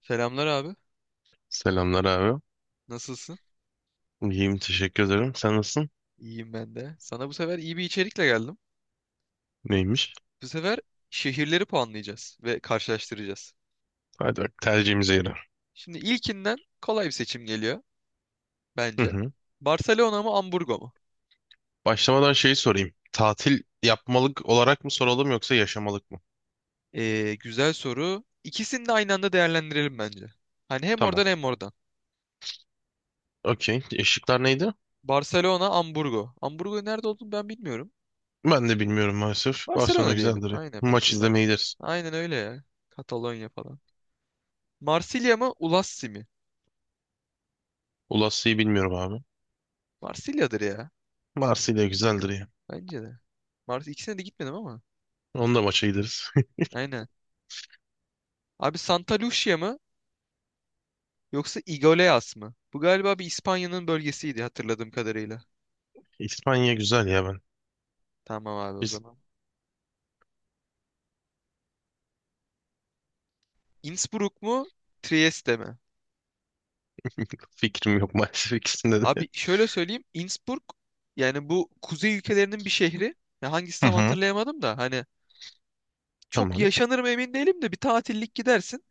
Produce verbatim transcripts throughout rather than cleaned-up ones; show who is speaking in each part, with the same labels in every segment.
Speaker 1: Selamlar abi.
Speaker 2: Selamlar abi.
Speaker 1: Nasılsın?
Speaker 2: İyiyim teşekkür ederim. Sen nasılsın?
Speaker 1: İyiyim ben de. Sana bu sefer iyi bir içerikle geldim.
Speaker 2: Neymiş?
Speaker 1: Bu sefer şehirleri puanlayacağız ve karşılaştıracağız.
Speaker 2: Hadi bak tercihimize yarar.
Speaker 1: Şimdi ilkinden kolay bir seçim geliyor
Speaker 2: Hı
Speaker 1: bence.
Speaker 2: hı.
Speaker 1: Barcelona mı Hamburgo mu?
Speaker 2: Başlamadan şeyi sorayım. Tatil yapmalık olarak mı soralım yoksa yaşamalık mı?
Speaker 1: Ee, güzel soru. İkisini de aynı anda değerlendirelim bence. Hani hem
Speaker 2: Tamam.
Speaker 1: oradan hem oradan.
Speaker 2: Okey. Işıklar neydi?
Speaker 1: Barcelona, Hamburgo. Hamburgo nerede olduğunu ben bilmiyorum.
Speaker 2: Ben de bilmiyorum maalesef. Barcelona
Speaker 1: Barcelona diyelim.
Speaker 2: güzeldir ya.
Speaker 1: Aynen
Speaker 2: Maç
Speaker 1: bence. Bar-
Speaker 2: izlemeye gideriz.
Speaker 1: Aynen öyle ya. Katalonya falan. Marsilya mı Ulassi mi?
Speaker 2: Ulassi'yi bilmiyorum abi.
Speaker 1: Marsilya'dır ya.
Speaker 2: Marsilya güzeldir ya.
Speaker 1: Bence de. Mars ikisine de gitmedim ama.
Speaker 2: Onu da maça gideriz.
Speaker 1: Aynen. Abi Santa Lucia mı yoksa Iglesias mı? Bu galiba bir İspanya'nın bölgesiydi hatırladığım kadarıyla.
Speaker 2: İspanya güzel ya ben.
Speaker 1: Tamam abi o
Speaker 2: Biz
Speaker 1: zaman. Innsbruck mu Trieste mi?
Speaker 2: fikrim yok maalesef ikisinde de.
Speaker 1: Abi şöyle söyleyeyim Innsbruck yani bu kuzey ülkelerinin bir şehri. Ya hangisi
Speaker 2: Hı
Speaker 1: tam
Speaker 2: hı.
Speaker 1: hatırlayamadım da hani çok
Speaker 2: Tamam.
Speaker 1: yaşanır mı emin değilim de bir tatillik gidersin.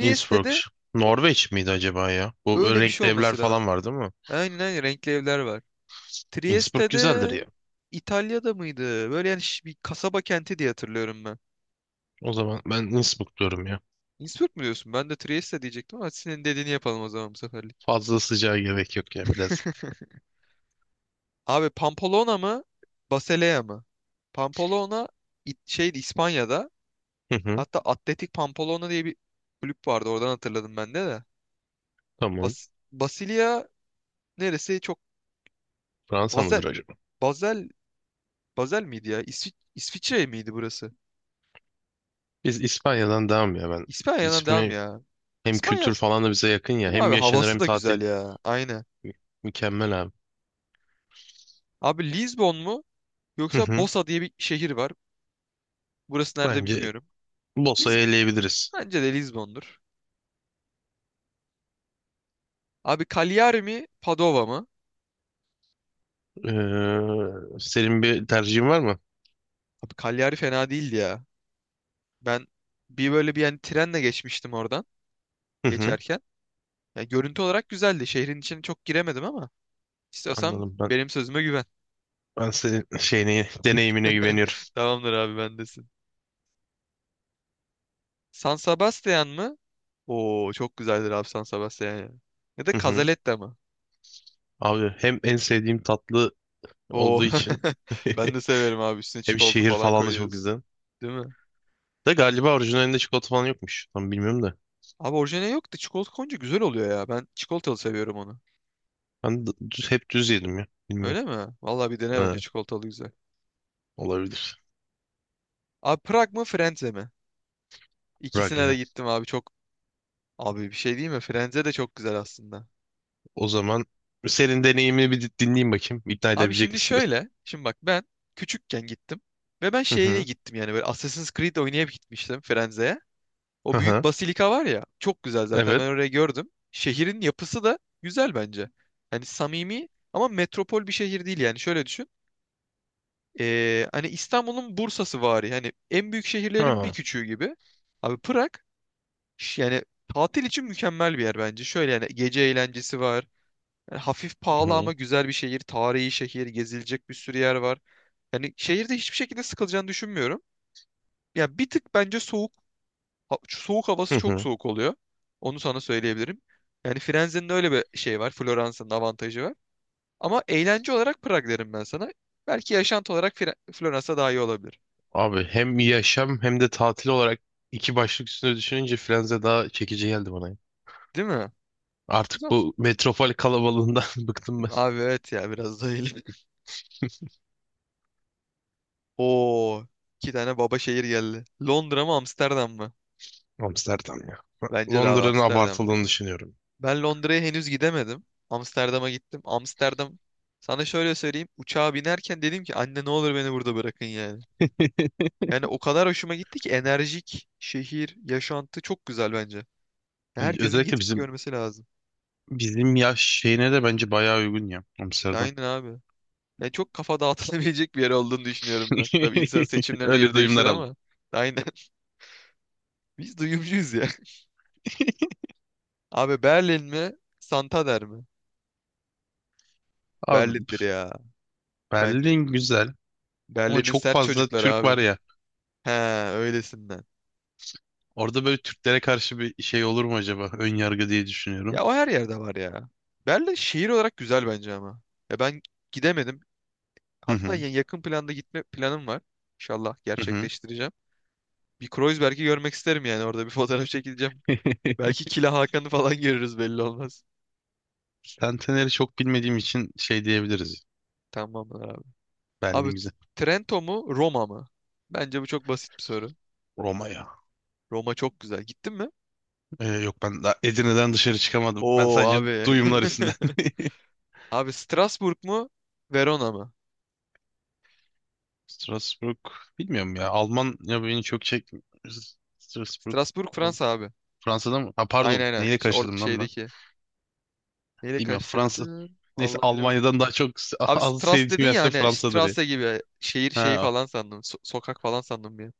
Speaker 2: Innsbruck. Norveç miydi acaba ya? Bu
Speaker 1: öyle bir şey
Speaker 2: renkli evler
Speaker 1: olması
Speaker 2: falan
Speaker 1: lazım.
Speaker 2: var değil mi?
Speaker 1: Aynen aynen renkli evler var.
Speaker 2: Innsbruck güzeldir
Speaker 1: Trieste'de
Speaker 2: ya.
Speaker 1: İtalya'da mıydı? Böyle yani şi- bir kasaba kenti diye hatırlıyorum ben.
Speaker 2: O zaman ben Innsbruck diyorum ya.
Speaker 1: Innsbruck mu diyorsun? Ben de Trieste diyecektim ama hadi senin dediğini yapalım o zaman bu seferlik.
Speaker 2: Fazla sıcağa gerek yok ya biraz.
Speaker 1: Abi Pamplona mı? Basilea mı? Pamplona it- şeydi İspanya'da.
Speaker 2: Hı hı,
Speaker 1: Hatta Atletik Pamplona diye bir kulüp vardı. Oradan hatırladım ben de de.
Speaker 2: tamam.
Speaker 1: Bas Basilea neresi? Çok
Speaker 2: Fransa mıdır
Speaker 1: Basel.
Speaker 2: acaba?
Speaker 1: Basel. Basel miydi ya? İsvi İsviçre miydi burası?
Speaker 2: Biz İspanya'dan devam ya ben.
Speaker 1: İspanya'dan devam
Speaker 2: İsmi
Speaker 1: ya.
Speaker 2: hem
Speaker 1: İspanya
Speaker 2: kültür falan da bize yakın ya.
Speaker 1: değil mi
Speaker 2: Hem
Speaker 1: abi?
Speaker 2: yaşanır
Speaker 1: Havası
Speaker 2: hem
Speaker 1: da
Speaker 2: tatil.
Speaker 1: güzel ya. Aynen.
Speaker 2: Mü- Mükemmel abi.
Speaker 1: Abi Lisbon mu?
Speaker 2: Hı
Speaker 1: Yoksa
Speaker 2: hı,
Speaker 1: Bosa diye bir şehir var. Burası nerede
Speaker 2: bence
Speaker 1: bilmiyorum. Liz
Speaker 2: Bosa'yı eleyebiliriz.
Speaker 1: Bence de Lizbon'dur. Abi Cagliari mi Padova mı?
Speaker 2: Ee, senin bir tercihin var mı?
Speaker 1: Abi Cagliari fena değildi ya. Ben bir böyle bir yani trenle geçmiştim oradan
Speaker 2: Hı hı,
Speaker 1: geçerken. Ya görüntü olarak güzeldi. Şehrin içine çok giremedim ama istiyorsan
Speaker 2: anladım ben.
Speaker 1: benim sözüme güven.
Speaker 2: Ben senin şeyine, deneyimine güveniyorum.
Speaker 1: Tamamdır abi bendesin. San Sebastian mı? Oo çok güzeldir abi San Sebastian ya. Ya da
Speaker 2: Hı hı.
Speaker 1: Cazaletta mı?
Speaker 2: Abi hem en sevdiğim tatlı
Speaker 1: Oo
Speaker 2: olduğu için
Speaker 1: ben de severim abi üstüne
Speaker 2: hem
Speaker 1: çikolata
Speaker 2: şehir
Speaker 1: falan
Speaker 2: falan da çok
Speaker 1: koyuyoruz.
Speaker 2: güzel.
Speaker 1: Değil mi?
Speaker 2: De galiba orijinalinde çikolata falan yokmuş. Tam bilmiyorum da.
Speaker 1: Abi orijinali yok da çikolata koyunca güzel oluyor ya. Ben çikolatalı seviyorum onu.
Speaker 2: Ben d- düz, hep düz yedim ya. Bilmiyorum.
Speaker 1: Öyle mi? Vallahi bir dene
Speaker 2: Ha,
Speaker 1: bence çikolatalı güzel.
Speaker 2: olabilir.
Speaker 1: Abi Prag mı Frenze mi?
Speaker 2: Rag
Speaker 1: İkisine
Speaker 2: ya.
Speaker 1: de gittim abi çok. Abi bir şey değil mi? Frenze de çok güzel aslında.
Speaker 2: O zaman senin deneyimini bir dinleyeyim bakayım. İkna
Speaker 1: Abi
Speaker 2: edebilecek
Speaker 1: şimdi
Speaker 2: misin beni?
Speaker 1: şöyle. Şimdi bak ben küçükken gittim. Ve ben
Speaker 2: Hı
Speaker 1: şeyle
Speaker 2: hı.
Speaker 1: gittim yani böyle Assassin's Creed oynayıp gitmiştim Frenze'ye.
Speaker 2: Hı
Speaker 1: O büyük
Speaker 2: hı.
Speaker 1: basilika var ya. Çok güzel zaten ben
Speaker 2: Evet.
Speaker 1: orayı gördüm. Şehrin yapısı da güzel bence. Hani samimi ama metropol bir şehir değil yani. Şöyle düşün. Ee, hani İstanbul'un Bursa'sı var yani en büyük şehirlerin bir
Speaker 2: Ha.
Speaker 1: küçüğü gibi. Abi Prag Ş- Yani tatil için mükemmel bir yer bence. Şöyle yani gece eğlencesi var. Yani hafif
Speaker 2: Hı
Speaker 1: pahalı
Speaker 2: hı.
Speaker 1: ama güzel bir şehir. Tarihi şehir. Gezilecek bir sürü yer var. Yani şehirde hiçbir şekilde sıkılacağını düşünmüyorum. Ya bir tık bence soğuk. ha- Soğuk
Speaker 2: Hı
Speaker 1: havası çok
Speaker 2: hı.
Speaker 1: soğuk oluyor. Onu sana söyleyebilirim. Yani Firenze'nin öyle bir şey var. Floransa'nın avantajı var. Ama eğlence olarak Prag derim ben sana. Belki yaşantı olarak Fire- Floransa daha iyi olabilir.
Speaker 2: Abi hem yaşam hem de tatil olarak iki başlık üstüne düşününce Frenze daha çekici geldi bana. Ya.
Speaker 1: Değil mi? O
Speaker 2: Artık
Speaker 1: zaman-
Speaker 2: bu metropol kalabalığından bıktım ben.
Speaker 1: Abi evet ya biraz da öyle. Oo, iki tane baba şehir geldi. Londra mı Amsterdam mı?
Speaker 2: Amsterdam ya.
Speaker 1: Bence de abi
Speaker 2: Londra'nın
Speaker 1: Amsterdam
Speaker 2: abartıldığını
Speaker 1: ya.
Speaker 2: düşünüyorum.
Speaker 1: Ben Londra'ya henüz gidemedim. Amsterdam'a gittim. Amsterdam sana şöyle söyleyeyim. Uçağa binerken dedim ki anne ne olur beni burada bırakın yani. Yani o kadar hoşuma gitti ki enerjik şehir, yaşantı çok güzel bence.
Speaker 2: Yani
Speaker 1: Herkesin
Speaker 2: özellikle
Speaker 1: gidip
Speaker 2: bizim
Speaker 1: görmesi lazım.
Speaker 2: Bizim yaş şeyine de bence bayağı uygun ya Amsterdam.
Speaker 1: Aynen abi. Yani çok kafa dağıtılabilecek bir yer olduğunu düşünüyorum ben. Tabii insan seçimlerine
Speaker 2: Öyle
Speaker 1: göre değişir
Speaker 2: duyumlar aldım.
Speaker 1: ama. Aynen. Biz duyumcuyuz ya. Abi Berlin mi? Santander mi?
Speaker 2: Abi
Speaker 1: Berlin'dir ya bence.
Speaker 2: Berlin güzel ama
Speaker 1: Berlin'in
Speaker 2: çok
Speaker 1: sert
Speaker 2: fazla
Speaker 1: çocukları
Speaker 2: Türk
Speaker 1: abi.
Speaker 2: var ya.
Speaker 1: He öylesinden.
Speaker 2: Orada böyle Türklere karşı bir şey olur mu acaba? Ön yargı diye düşünüyorum.
Speaker 1: Ya o her yerde var ya. Berlin şehir olarak güzel bence ama. Ya ben gidemedim.
Speaker 2: Hı
Speaker 1: Hatta
Speaker 2: hı.
Speaker 1: ya- yakın planda gitme planım var. İnşallah
Speaker 2: Hı hı.
Speaker 1: gerçekleştireceğim. Bir Kreuzberg'i görmek isterim yani orada bir fotoğraf çekileceğim. Belki Kila Hakan'ı falan görürüz belli olmaz.
Speaker 2: Centenary'i çok bilmediğim için şey diyebiliriz.
Speaker 1: Tamamdır abi. Abi
Speaker 2: Berlin güzel.
Speaker 1: Trento mu Roma mı? Bence bu çok basit bir soru.
Speaker 2: Roma ya.
Speaker 1: Roma çok güzel. Gittin mi?
Speaker 2: Ee, yok ben daha Edirne'den dışarı çıkamadım. Ben
Speaker 1: Oo
Speaker 2: sadece
Speaker 1: abi.
Speaker 2: duyumlar üstünden.
Speaker 1: Abi Strasbourg mu Verona mı?
Speaker 2: Strasbourg bilmiyorum ya. Alman ya beni çok çek Strasbourg
Speaker 1: Strasbourg Fransa abi.
Speaker 2: Fransa'da mı? Ha,
Speaker 1: Aynen
Speaker 2: pardon.
Speaker 1: aynen.
Speaker 2: Neyle
Speaker 1: Şey, or
Speaker 2: karıştırdım lan ben?
Speaker 1: şeydeki. Neyle
Speaker 2: Bilmiyorum. Fransa.
Speaker 1: karıştırdım?
Speaker 2: Neyse
Speaker 1: Allah bilemedim.
Speaker 2: Almanya'dan daha çok s-
Speaker 1: Abi
Speaker 2: az
Speaker 1: Stras dedin
Speaker 2: sevdiğim yer
Speaker 1: ya
Speaker 2: ise
Speaker 1: hani
Speaker 2: Fransa'dır ya.
Speaker 1: Strasse gibi şehir şeyi
Speaker 2: Ha,
Speaker 1: falan sandım. so- sokak falan sandım bir an.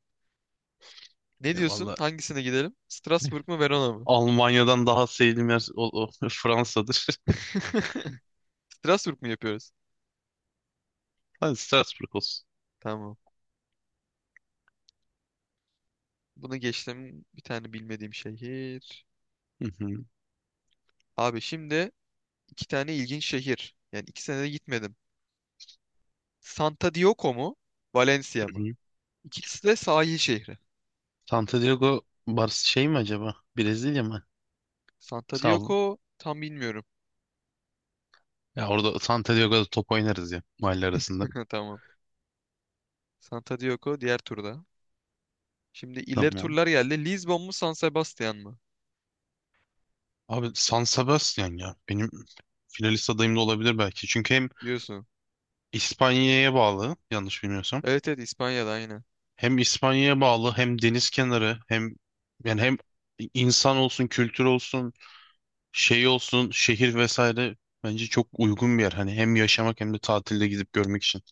Speaker 1: Ne
Speaker 2: ya
Speaker 1: diyorsun?
Speaker 2: valla
Speaker 1: Hangisine gidelim? Strasbourg mu Verona mı?
Speaker 2: Almanya'dan daha sevdiğim yer o, o Fransa'dır.
Speaker 1: Strasbourg mu yapıyoruz?
Speaker 2: Hadi Strasbourg olsun.
Speaker 1: Tamam. Bunu geçtim. Bir tane bilmediğim şehir.
Speaker 2: Hı hı, hı
Speaker 1: Abi şimdi iki tane ilginç şehir. Yani iki sene de gitmedim. Santa Dioco mu? Valencia mı?
Speaker 2: hı.
Speaker 1: İkisi de sahil şehri.
Speaker 2: Santo Diego Bar şey mi acaba? Brezilya mı?
Speaker 1: Santa
Speaker 2: Sağ ol.
Speaker 1: Dioco tam bilmiyorum.
Speaker 2: Ya orada Santo Diego'da top oynarız ya mahalle arasında.
Speaker 1: Tamam. Santa Diogo diğer turda. Şimdi ileri
Speaker 2: Tamam.
Speaker 1: turlar geldi. Lisbon mu San Sebastian mı?
Speaker 2: Abi San Sebastian ya. Benim finalist adayım da olabilir belki. Çünkü hem
Speaker 1: Diyorsun.
Speaker 2: İspanya'ya bağlı yanlış bilmiyorsam.
Speaker 1: Evet evet İspanya'da aynı.
Speaker 2: Hem İspanya'ya bağlı hem deniz kenarı hem yani hem insan olsun kültür olsun şey olsun şehir vesaire bence çok uygun bir yer. Hani hem yaşamak hem de tatilde gidip görmek için.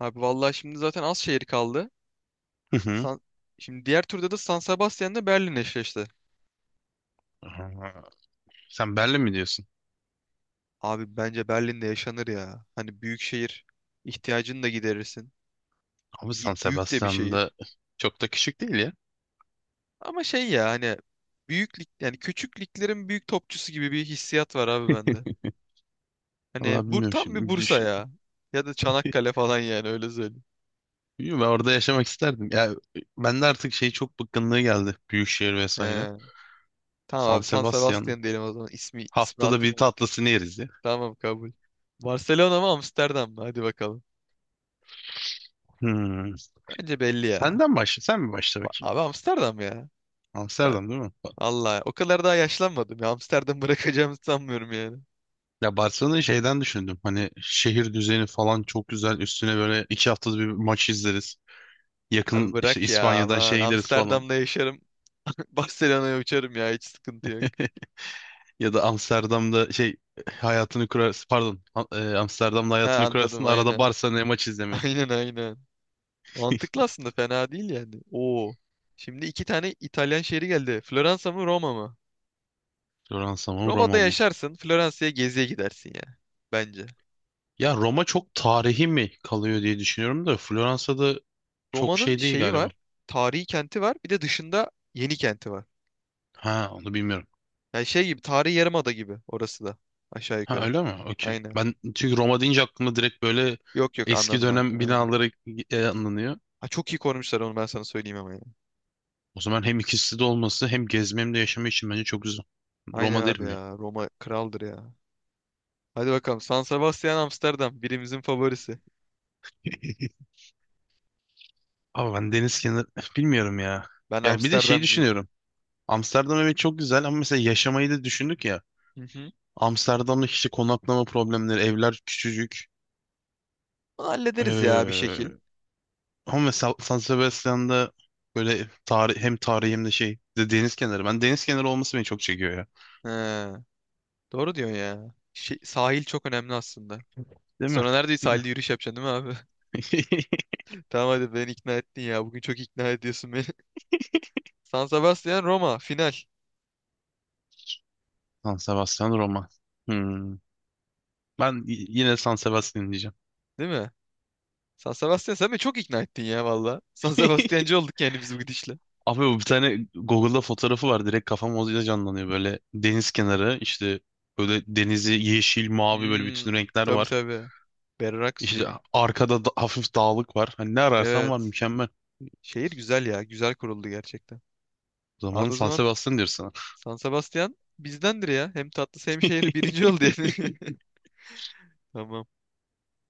Speaker 1: Abi vallahi şimdi zaten az şehir kaldı.
Speaker 2: Hı hı.
Speaker 1: San... Şimdi diğer turda da San Sebastian'la Berlin eşleşti.
Speaker 2: Aa, sen Berlin mi diyorsun?
Speaker 1: Abi bence Berlin'de yaşanır ya. Hani büyük şehir ihtiyacını da giderirsin.
Speaker 2: Abi
Speaker 1: Y-
Speaker 2: San
Speaker 1: Büyük de bir şehir.
Speaker 2: Sebastian'da çok da küçük değil ya.
Speaker 1: Ama şey ya hani büyük lig yani küçük liglerin büyük topçusu gibi bir hissiyat var abi bende. Hani
Speaker 2: Vallahi
Speaker 1: bu
Speaker 2: bilmiyorum
Speaker 1: tam
Speaker 2: şimdi.
Speaker 1: bir
Speaker 2: Bir
Speaker 1: Bursa
Speaker 2: düşün.
Speaker 1: ya. Ya da Çanakkale falan yani öyle söyleyeyim.
Speaker 2: Bilmiyorum, ben orada yaşamak isterdim. Ya ben de artık şey çok bıkkınlığı geldi. Büyükşehir vesaire.
Speaker 1: He. Tamam
Speaker 2: San
Speaker 1: abi San
Speaker 2: Sebastian.
Speaker 1: Sebastian diyelim o zaman. İsmi ismi
Speaker 2: Haftada bir
Speaker 1: hatırlamıyorum.
Speaker 2: tatlısını yeriz ya.
Speaker 1: Tamam kabul. Barcelona mı Amsterdam mı? Hadi bakalım.
Speaker 2: Hmm.
Speaker 1: Bence belli ya.
Speaker 2: Senden başla. Sen mi başla
Speaker 1: Ba-
Speaker 2: bakayım?
Speaker 1: Abi Amsterdam ya. Ben
Speaker 2: Amsterdam değil mi?
Speaker 1: Allah o kadar daha yaşlanmadım ya. Amsterdam bırakacağımı sanmıyorum yani.
Speaker 2: Ya Barcelona'yı şeyden düşündüm. Hani şehir düzeni falan çok güzel. Üstüne böyle iki haftada bir maç izleriz.
Speaker 1: Abi
Speaker 2: Yakın işte
Speaker 1: bırak ya
Speaker 2: İspanya'dan
Speaker 1: aman.
Speaker 2: şey gideriz falan.
Speaker 1: Amsterdam'da yaşarım. Barcelona'ya uçarım ya. Hiç sıkıntı yok.
Speaker 2: Ya da Amsterdam'da şey hayatını kurarsın. Pardon. Am- e, Amsterdam'da
Speaker 1: Ha
Speaker 2: hayatını kurarsın.
Speaker 1: anladım
Speaker 2: Arada
Speaker 1: aynen.
Speaker 2: Barcelona'ya maç izlemeye.
Speaker 1: Aynen aynen. Mantıklı aslında fena değil yani. Oo. Şimdi iki tane İtalyan şehri geldi. Floransa mı Roma mı?
Speaker 2: Floransa mı
Speaker 1: Roma'da
Speaker 2: Roma mı?
Speaker 1: yaşarsın, Floransa'ya geziye gidersin ya. Bence.
Speaker 2: Ya Roma çok tarihi mi kalıyor diye düşünüyorum da Floransa'da çok
Speaker 1: Roma'nın
Speaker 2: şey değil
Speaker 1: şeyi var,
Speaker 2: galiba.
Speaker 1: tarihi kenti var, bir de dışında yeni kenti var.
Speaker 2: Ha onu bilmiyorum.
Speaker 1: Yani şey gibi, tarihi yarımada gibi orası da. Aşağı
Speaker 2: Ha
Speaker 1: yukarı.
Speaker 2: öyle mi? Okey.
Speaker 1: Aynen.
Speaker 2: Ben çünkü Roma deyince aklımda direkt böyle
Speaker 1: Yok yok
Speaker 2: eski
Speaker 1: anladım anladım.
Speaker 2: dönem
Speaker 1: Aynen.
Speaker 2: binaları e, anlanıyor.
Speaker 1: Ha, çok iyi korumuşlar onu ben sana söyleyeyim ama ya.
Speaker 2: O zaman hem ikisi de olması hem gezme hem de yaşama için bence çok güzel.
Speaker 1: Aynen
Speaker 2: Roma
Speaker 1: abi
Speaker 2: derim ya.
Speaker 1: ya. Roma kraldır ya. Hadi bakalım. San Sebastian Amsterdam. Birimizin favorisi.
Speaker 2: Ama ben deniz kenarı bilmiyorum ya.
Speaker 1: Ben
Speaker 2: Ya bir de şey
Speaker 1: Amsterdamcıyım.
Speaker 2: düşünüyorum. Amsterdam evet çok güzel ama mesela yaşamayı da düşündük ya.
Speaker 1: Hı hı.
Speaker 2: Amsterdam'da işte konaklama problemleri, evler küçücük.
Speaker 1: Bunu hallederiz ya bir şekil.
Speaker 2: Ee, ama mesela San Sebastian'da böyle tarih, hem tarihi hem de şey de deniz kenarı. Ben deniz kenarı olması beni çok çekiyor ya.
Speaker 1: He, doğru diyorsun ya. Şey, sahil çok önemli aslında.
Speaker 2: Değil mi?
Speaker 1: Sonra nerede sahilde
Speaker 2: Bilmiyorum.
Speaker 1: yürüyüş yapacaksın değil mi abi? Tamam hadi beni ikna ettin ya. Bugün çok ikna ediyorsun beni. San Sebastian Roma final.
Speaker 2: San Sebastian Roma. Hmm. Ben y- yine San Sebastian diyeceğim.
Speaker 1: Değil mi? San Sebastian sen beni çok ikna ettin ya valla. San Sebastiancı olduk yani biz bu gidişle.
Speaker 2: Abi bu bir tane Google'da fotoğrafı var. Direkt kafam o canlanıyor. Böyle deniz kenarı işte böyle denizi yeşil, mavi böyle
Speaker 1: Hmm,
Speaker 2: bütün renkler
Speaker 1: tabii
Speaker 2: var.
Speaker 1: tabii. Berrak suyu.
Speaker 2: İşte arkada da hafif dağlık var. Hani ne ararsan var
Speaker 1: Evet.
Speaker 2: mükemmel.
Speaker 1: Şehir güzel ya. Güzel kuruldu gerçekten.
Speaker 2: O zaman
Speaker 1: Abi o
Speaker 2: San
Speaker 1: zaman
Speaker 2: Sebastian diyorsun
Speaker 1: San Sebastian bizdendir ya. Hem tatlı hem şehri birinci oldu yani. Tamam.